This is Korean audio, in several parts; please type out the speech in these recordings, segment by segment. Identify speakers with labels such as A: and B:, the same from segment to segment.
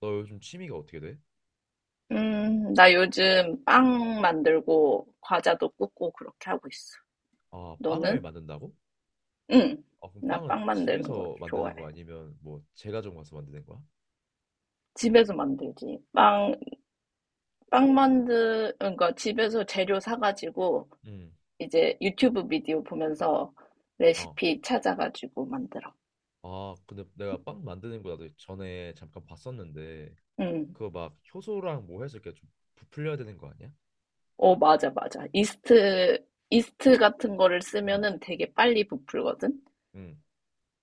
A: 너 요즘 취미가 어떻게 돼?
B: 나 요즘 빵 만들고 과자도 굽고 그렇게 하고 있어.
A: 아, 빵을
B: 너는?
A: 만든다고?
B: 응.
A: 아, 그럼
B: 나
A: 빵은
B: 빵 만드는 거
A: 집에서
B: 좋아해.
A: 만드는 거 아니면 뭐 제과점 가서 만드는 거야?
B: 집에서 만들지. 그러니까 집에서 재료 사가지고
A: 응.
B: 이제 유튜브 비디오 보면서
A: 어.
B: 레시피 찾아가지고 만들어.
A: 아, 근데 내가 빵 만드는 거 나도 전에 잠깐 봤었는데
B: 응.
A: 그거 막 효소랑 뭐 해서 이렇게 좀 부풀려야 되는 거 아니야?
B: 어, 맞아, 맞아. 이스트 같은 거를
A: 응.
B: 쓰면은 되게 빨리 부풀거든?
A: 응.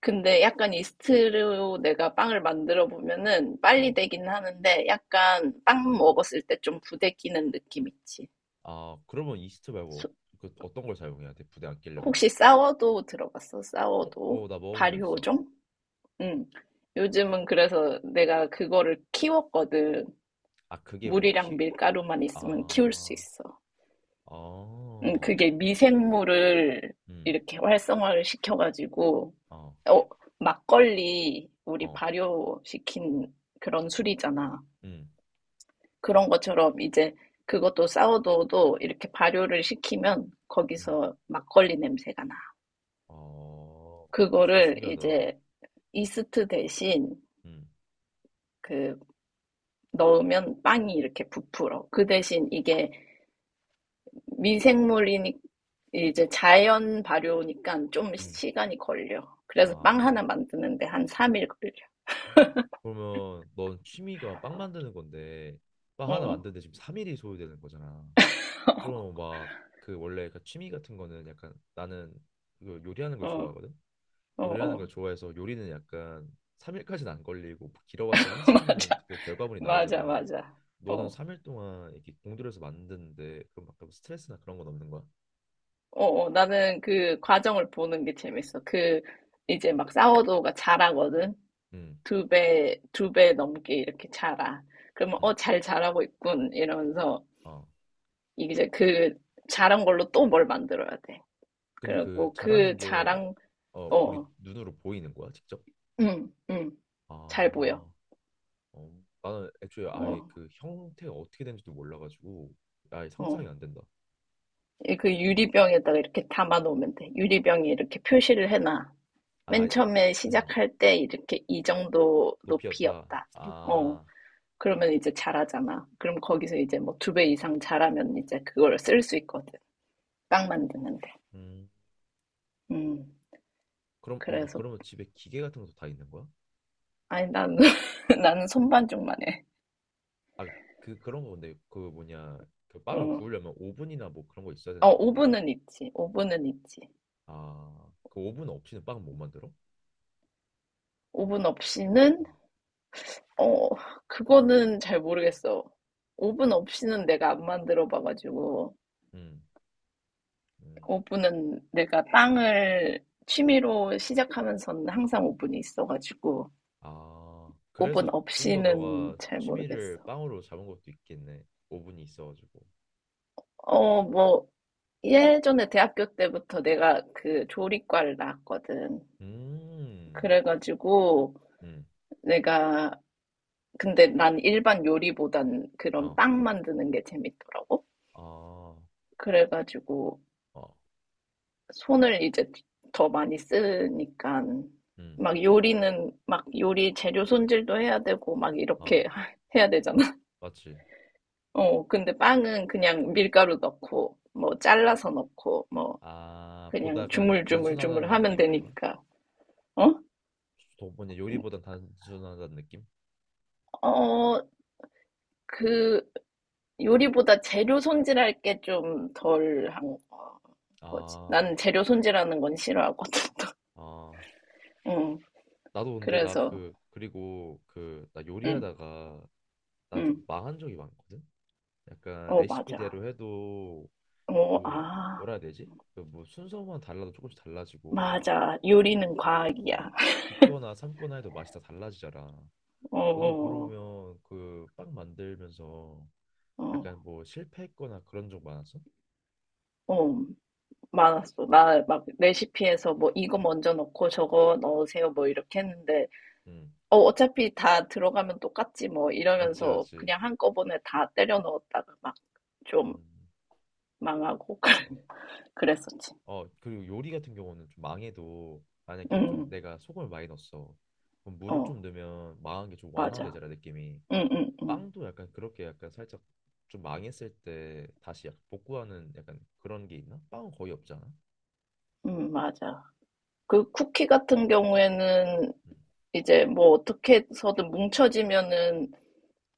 B: 근데 약간 이스트로 내가 빵을 만들어 보면은 빨리
A: 어.
B: 되긴 하는데 약간 빵
A: 응.
B: 먹었을 때 좀 부대끼는 느낌 있지.
A: 아, 그러면 이스트 말고
B: 소-
A: 그 어떤 걸 사용해야 돼? 부대 안 끼려면?
B: 혹시 싸워도 들어봤어?
A: 어,
B: 싸워도?
A: 어, 나 먹어본 적 있어.
B: 발효종? 응. 요즘은 그래서 내가 그거를 키웠거든.
A: 아, 그게 뭐
B: 물이랑
A: 키?
B: 밀가루만 있으면 키울 수
A: 아,
B: 있어. 응,
A: 어,
B: 그게 미생물을
A: 음,
B: 이렇게 활성화를 시켜가지고,
A: 어,
B: 어, 막걸리 우리
A: 어,
B: 발효시킨 그런 술이잖아.
A: 음,
B: 그런 것처럼 이제 그것도 사워도우도 이렇게 발효를 시키면
A: 음.
B: 거기서 막걸리 냄새가 나.
A: 어, 진짜
B: 그거를
A: 신기하다.
B: 이제 이스트 대신
A: 음,
B: 그 넣으면 빵이 이렇게 부풀어. 그 대신 이게 미생물이니 이제 자연 발효니까 좀
A: 음,
B: 시간이 걸려. 그래서 빵
A: 아.
B: 하나 만드는데 한 3일 걸려.
A: 그러면 넌 취미가 빵 만드는 건데, 빵 하나
B: 어,
A: 만드는데 지금 3일이 소요되는 거잖아. 그럼 막 그 원래 그 취미 같은 거는 약간 나는 그 요리하는 걸
B: 어,
A: 좋아하거든.
B: 어,
A: 요리하는 걸
B: 어.
A: 좋아해서 요리는 약간 3일까지는 안 걸리고 뭐 길어봤자 한 시간이면
B: 맞아.
A: 그 결과물이
B: 맞아,
A: 나오잖아.
B: 맞아.
A: 너는
B: 어.
A: 3일 동안 이렇게 공들여서 만드는데 그럼 막그 스트레스나 그런 건 없는 거야?
B: 어어, 나는 그 과정을 보는 게 재밌어. 그,
A: 응.
B: 이제 막 사워도우가 자라거든?
A: 응.
B: 두 배, 두 배 넘게 이렇게 자라. 그러면,
A: 응.
B: 어, 잘 자라고 있군. 이러면서,
A: 어.
B: 이제 그 자란 걸로 또 뭘 만들어야 돼.
A: 근데 그
B: 그리고
A: 잘하는
B: 그
A: 게
B: 자랑,
A: 어, 우리
B: 어,
A: 눈으로 보이는 거야, 직접?
B: 응, 응, 잘
A: 아,
B: 보여.
A: 어, 나는 애초에 아예
B: 어,
A: 그 형태가 어떻게 되는지도 몰라가지고 아예 상상이
B: 어.
A: 안 된다.
B: 이그 유리병에다가 이렇게 담아놓으면 돼. 유리병에 이렇게 표시를 해놔.
A: 아,
B: 맨
A: 어,
B: 처음에
A: 음,
B: 시작할 때 이렇게 이 정도
A: 높이였다.
B: 높이였다. 어.
A: 아,
B: 그러면 이제 잘하잖아. 그럼 거기서 이제 뭐 두 배 이상 잘하면 이제 그걸 쓸 수 있거든. 빵 만드는데.
A: 음,
B: 음,
A: 그럼 어, 너
B: 그래서,
A: 그러면 집에 기계 같은 것도 다 있는 거야?
B: 아니, 나는, 나는 손반죽만 해.
A: 아, 그 그런 거 근데 그 뭐냐, 그 빵을
B: 어,
A: 구우려면 오븐이나 뭐 그런 거 있어야
B: 어,
A: 되는 거 아니야?
B: 오븐은 있지. 오븐은 있지.
A: 아, 그 오븐 없이는 빵 못 만들어?
B: 오븐 없이는,
A: 음,
B: 어, 그거는 잘 모르겠어. 오븐 없이는 내가 안 만들어 봐가지고,
A: 음, 음.
B: 오븐은 내가 빵을 취미로 시작하면서는 항상 오븐이 있어가지고,
A: 아, 그래서
B: 오븐
A: 좀 더
B: 없이는
A: 너가
B: 잘
A: 취미를
B: 모르겠어.
A: 빵으로 잡은 것도 있겠네. 오븐이 있어가지고.
B: 어, 뭐, 예전에 대학교 때부터 내가 그 조리과를 나왔거든.
A: 음,
B: 그래가지고
A: 음,
B: 내가 근데 난 일반 요리보단 그런
A: 어,
B: 빵 만드는 게 재밌더라고.
A: 어,
B: 그래가지고
A: 어,
B: 손을 이제 더 많이 쓰니까
A: 음,
B: 막 요리는 막 요리 재료 손질도 해야 되고 막
A: 어,
B: 이렇게 해야 되잖아.
A: 맞지.
B: 어, 근데 빵은 그냥 밀가루 넣고 뭐 잘라서 넣고 뭐
A: 아, 보다
B: 그냥
A: 약간 단순하다는
B: 주물주물주물 하면
A: 느낌인 건가?
B: 되니까. 어?
A: 뭐냐, 요리보단 단순하다는 느낌?
B: 어, 그 요리보다 재료 손질할 게 좀 덜 한 거지.
A: 아,
B: 나는 재료 손질하는 건 싫어하거든.
A: 아,
B: 응.
A: 나도 근데 나
B: 그래서
A: 그, 그리고 그, 나
B: 응,
A: 요리하다가 나 좀
B: 응.
A: 망한 적이 많거든? 약간
B: 어, 맞아.
A: 레시피대로 해도
B: 어,
A: 뭐
B: 아,
A: 뭐라 해야 되지? 그뭐 순서만 달라도 조금씩 달라지고
B: 맞아.
A: 이게
B: 요리는 과학이야.
A: 뭐 굽거나 삶거나 해도 맛이 다 달라지잖아.
B: 어,
A: 너도
B: 어,
A: 그러면 그 빵 만들면서
B: 어,
A: 약간 뭐 실패했거나 그런 적 많았어?
B: 어. 많았어. 나 막 레시피에서 뭐 이거 먼저 넣고 저거 넣으세요 뭐 이렇게 했는데
A: 응,
B: 어, 어차피 다 들어가면 똑같지 뭐
A: 맞지
B: 이러면서
A: 맞지.
B: 그냥 한꺼번에 다 때려 넣었다가 막 좀
A: 음.
B: 망하고
A: 어.
B: 그랬었지.
A: 어, 그리고 요리 같은 경우는 좀 망해도
B: 응
A: 만약에 좀 내가 소금을 많이 넣었어. 그럼
B: 응.
A: 물을 좀
B: 어,
A: 넣으면 망한 게 좀
B: 맞아.
A: 완화되잖아 느낌이.
B: 응 응 응
A: 빵도 약간 그렇게 약간 살짝 좀 망했을 때 다시 약간 복구하는 약간 그런 게 있나? 빵은 거의 없잖아.
B: 응, 맞아. 그 쿠키 같은 경우에는
A: 음,
B: 이제 뭐 어떻게 해서든 뭉쳐지면은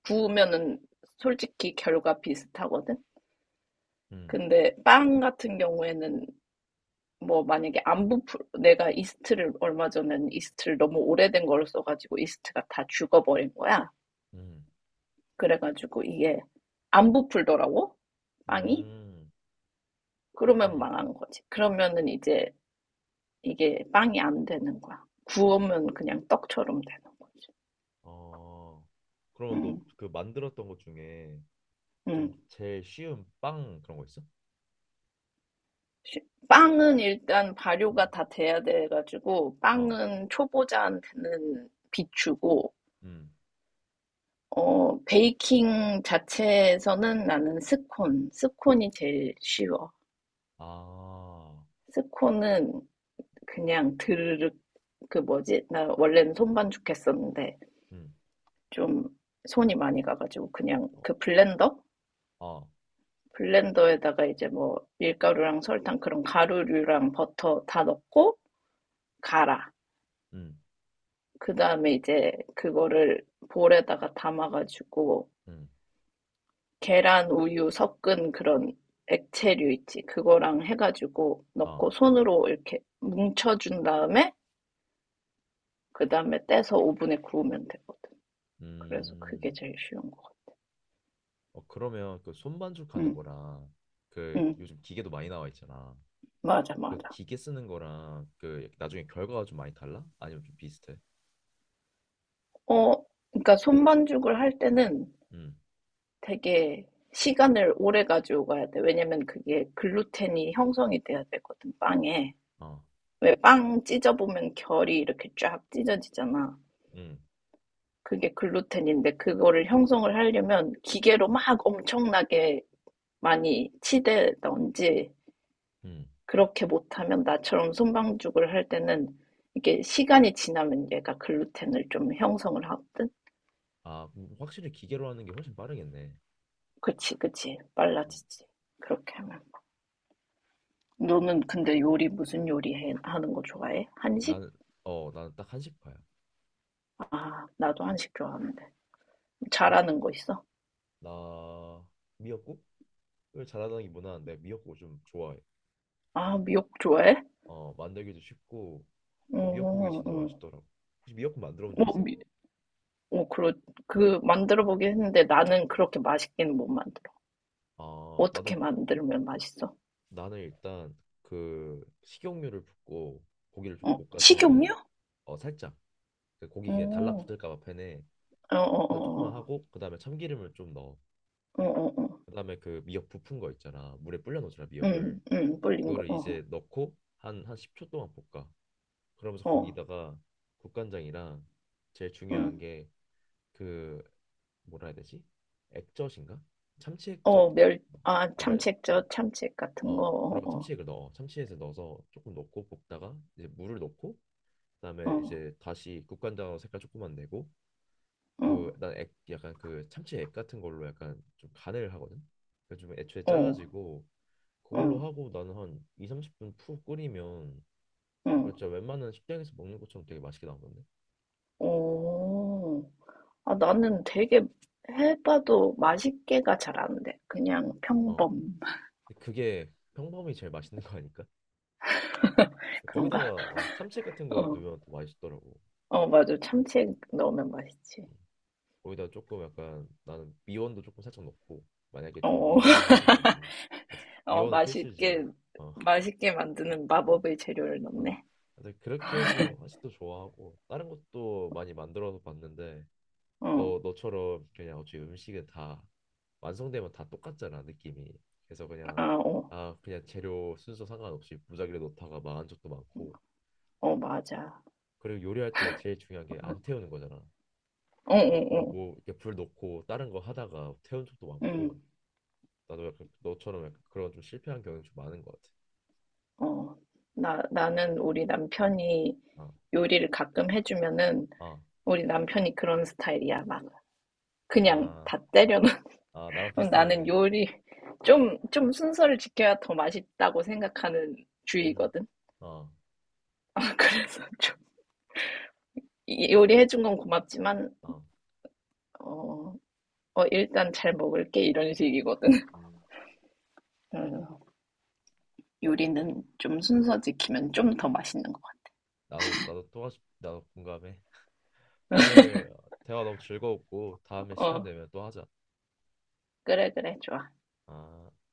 B: 구우면은 솔직히 결과 비슷하거든.
A: 음,
B: 근데 빵 같은 경우에는 뭐 만약에 안 부풀, 내가 이스트를 얼마 전에는 이스트를 너무 오래된 걸 써가지고 이스트가 다 죽어버린 거야.
A: 음,
B: 그래가지고 이게 안 부풀더라고, 빵이.
A: 음,
B: 그러면
A: 음.
B: 망한 거지. 그러면은 이제 이게 빵이 안 되는 거야. 구우면 그냥 떡처럼 되는 거지.
A: 어, 그러면 너
B: 음,
A: 그 만들었던 것 중에
B: 음.
A: 좀 제일 쉬운 빵 그런 거 있어?
B: 빵은 일단
A: 음,
B: 발효가 다 돼야 돼가지고,
A: 어,
B: 빵은 초보자한테는 비추고,
A: 음,
B: 어, 베이킹 자체에서는 나는 스콘, 스콘이 제일 쉬워.
A: 아,
B: 스콘은 그냥 드르륵, 그 뭐지? 나 원래는 손반죽 했었는데,
A: 음,
B: 좀 손이 많이 가가지고, 그냥
A: 어,
B: 그 블렌더?
A: 어,
B: 블렌더에다가 이제 뭐 밀가루랑 설탕 그런 가루류랑 버터 다 넣고 갈아.
A: 음,
B: 그 다음에 이제 그거를 볼에다가 담아가지고
A: 음,
B: 계란 우유 섞은 그런 액체류 있지. 그거랑 해가지고
A: 어,
B: 넣고 손으로 이렇게 뭉쳐준 다음에 그 다음에 떼서 오븐에 구우면 되거든. 그래서 그게
A: 음.
B: 제일 쉬운 거 같아.
A: 어, 그러면 그 손반죽 하는
B: 응,
A: 거랑 그
B: 응,
A: 요즘 기계도 많이 나와 있잖아.
B: 맞아,
A: 그
B: 맞아.
A: 기계 쓰는 거랑 그 나중에 결과가 좀 많이 달라? 아니면 좀 비슷해?
B: 어, 그러니까 손반죽을 할 때는
A: 음,
B: 되게 시간을 오래 가지고 가야 돼. 왜냐면 그게 글루텐이 형성이 돼야 되거든, 빵에.
A: 어,
B: 왜 빵 찢어보면 결이 이렇게 쫙 찢어지잖아.
A: 음,
B: 그게 글루텐인데 그거를 형성을 하려면 기계로 막 엄청나게 많이 치대던지
A: 음.
B: 그렇게 못하면 나처럼 손방죽을 할 때는 이게 시간이 지나면 얘가 글루텐을 좀 형성을 하거든?
A: 아, 확실히 기계로 하는 게 훨씬 빠르겠네.
B: 그치, 그치.
A: 음,
B: 빨라지지. 그렇게 하면. 너는 근데 요리 무슨 요리 해, 하는 거 좋아해? 한식?
A: 나는, 어, 나는 딱 한식파야.
B: 아, 나도 한식 좋아하는데.
A: 그래서
B: 잘하는 거 있어?
A: 나 미역국을 잘하는 게 무난한데 미역국을 좀 좋아해.
B: 아, 미역 좋아해?
A: 어, 만들기도 쉽고 미역국이
B: 응,
A: 진짜
B: 응.
A: 맛있더라고. 혹시 미역국 만들어 본 적
B: 뭐,
A: 있어?
B: 미, 어, 그러, 그, 만들어 보긴 했는데 나는 그렇게 맛있게는 못 만들어.
A: 아,
B: 어떻게
A: 나도
B: 만들면 맛있어?
A: 나는 일단 그 식용유를 붓고 고기를 좀
B: 어,
A: 볶아
B: 식용유?
A: 처음에. 어 살짝 그 고기 그냥
B: 어,
A: 달라붙을까봐 팬에.
B: 어, 어,
A: 그래서 조금만
B: 어,
A: 하고 그 다음에 참기름을 좀 넣어.
B: 어, 어, 어,
A: 그 다음에 그 미역 부푼 거 있잖아, 물에 불려 놓잖아
B: 응,
A: 미역을.
B: 응, 불린 거,
A: 그거를
B: 어,
A: 이제 넣고 한 10초 동안 볶아. 그러면서
B: 어,
A: 거기다가 국간장이랑 제일 중요한
B: 응,
A: 게 그 뭐라 해야 되지, 액젓인가, 참치 액젓.
B: 어, 멸, 아,
A: 아벨.
B: 참치액젓, 참치액 같은 거,
A: 어어 그면
B: 어,
A: 참치액을 넣어, 참치액을 넣어서 조금 넣고 볶다가 이제 물을 넣고
B: 어,
A: 그다음에
B: 어,
A: 이제 다시 국간장으로 색깔 조금만 내고 그난액 약간 그 참치액 같은 걸로 약간 좀 간을 하거든. 그래서 좀 애초에
B: 어,
A: 짜가지고
B: 어,
A: 그걸로
B: 어,
A: 하고 나는 한 2, 30분 푹 끓이면 그거
B: 어.
A: 진짜 웬만한 식당에서 먹는 것처럼 되게 맛있게 나오던데.
B: 어, 아, 나는 되게 해봐도 맛있게가 잘 안 돼. 그냥
A: 어.
B: 평범.
A: 근데 그게 평범히 제일 맛있는 거 아닐까?
B: 그런가?
A: 거기다가 어, 참치액 같은 거
B: 어,
A: 넣으면 더 맛있더라고.
B: 어, 맞아. 참치
A: 음.
B: 넣으면 맛있지.
A: 거기다 조금 약간 나는 미원도 조금 살짝 넣고 만약에 좀
B: 어,
A: 밍밍한 거 같으면. 아,
B: 어,
A: 미원은
B: 맛있게,
A: 필수지. 어,
B: 맛있게 만드는
A: 어.
B: 마법의 재료를
A: 아,
B: 넣네.
A: 근데 그렇게 해서 한식도 좋아하고 다른 것도 많이 만들어서 봤는데
B: 어,
A: 너 너처럼 그냥 어차피 음식은 다 완성되면 다 똑같잖아 느낌이. 그래서 그냥
B: 아, 어,
A: 아 그냥 재료 순서 상관없이 무작위로 넣다가 망한 적도 많고.
B: 어, 맞아.
A: 그리고 요리할 때 제일 중요한 게
B: 어,
A: 안 태우는 거잖아.
B: 어, 어,
A: 그냥
B: 어,
A: 뭐 이렇게 불 놓고 다른 거 하다가 태운 적도
B: 응,
A: 많고 나도 약간 너처럼 약간 그런 좀 실패한 경험이 좀 많은 것 같아.
B: 어. 나는 우리 남편이
A: 아,
B: 요리를 가끔 해주면은
A: 아,
B: 우리 남편이 그런 스타일이야. 막, 그냥
A: 아,
B: 다 때려
A: 아 나랑
B: 그럼 나는
A: 비슷하네.
B: 요리 좀 순서를 지켜야 더 맛있다고 생각하는
A: 음,
B: 주의거든.
A: 아,
B: 그래서 좀 요리해준 건 고맙지만,
A: 아,
B: 어, 어, 일단 잘 먹을게 이런 식이거든.
A: 음.
B: 어, 요리는 좀 순서 지키면 좀 더 맛있는 것
A: 나도 나도 나도 공감해. 오늘 대화 너무 즐거웠고 다음에
B: 같아.
A: 시간
B: 어,
A: 되면 또 하자.
B: 그래, 그래, 좋아.
A: 아.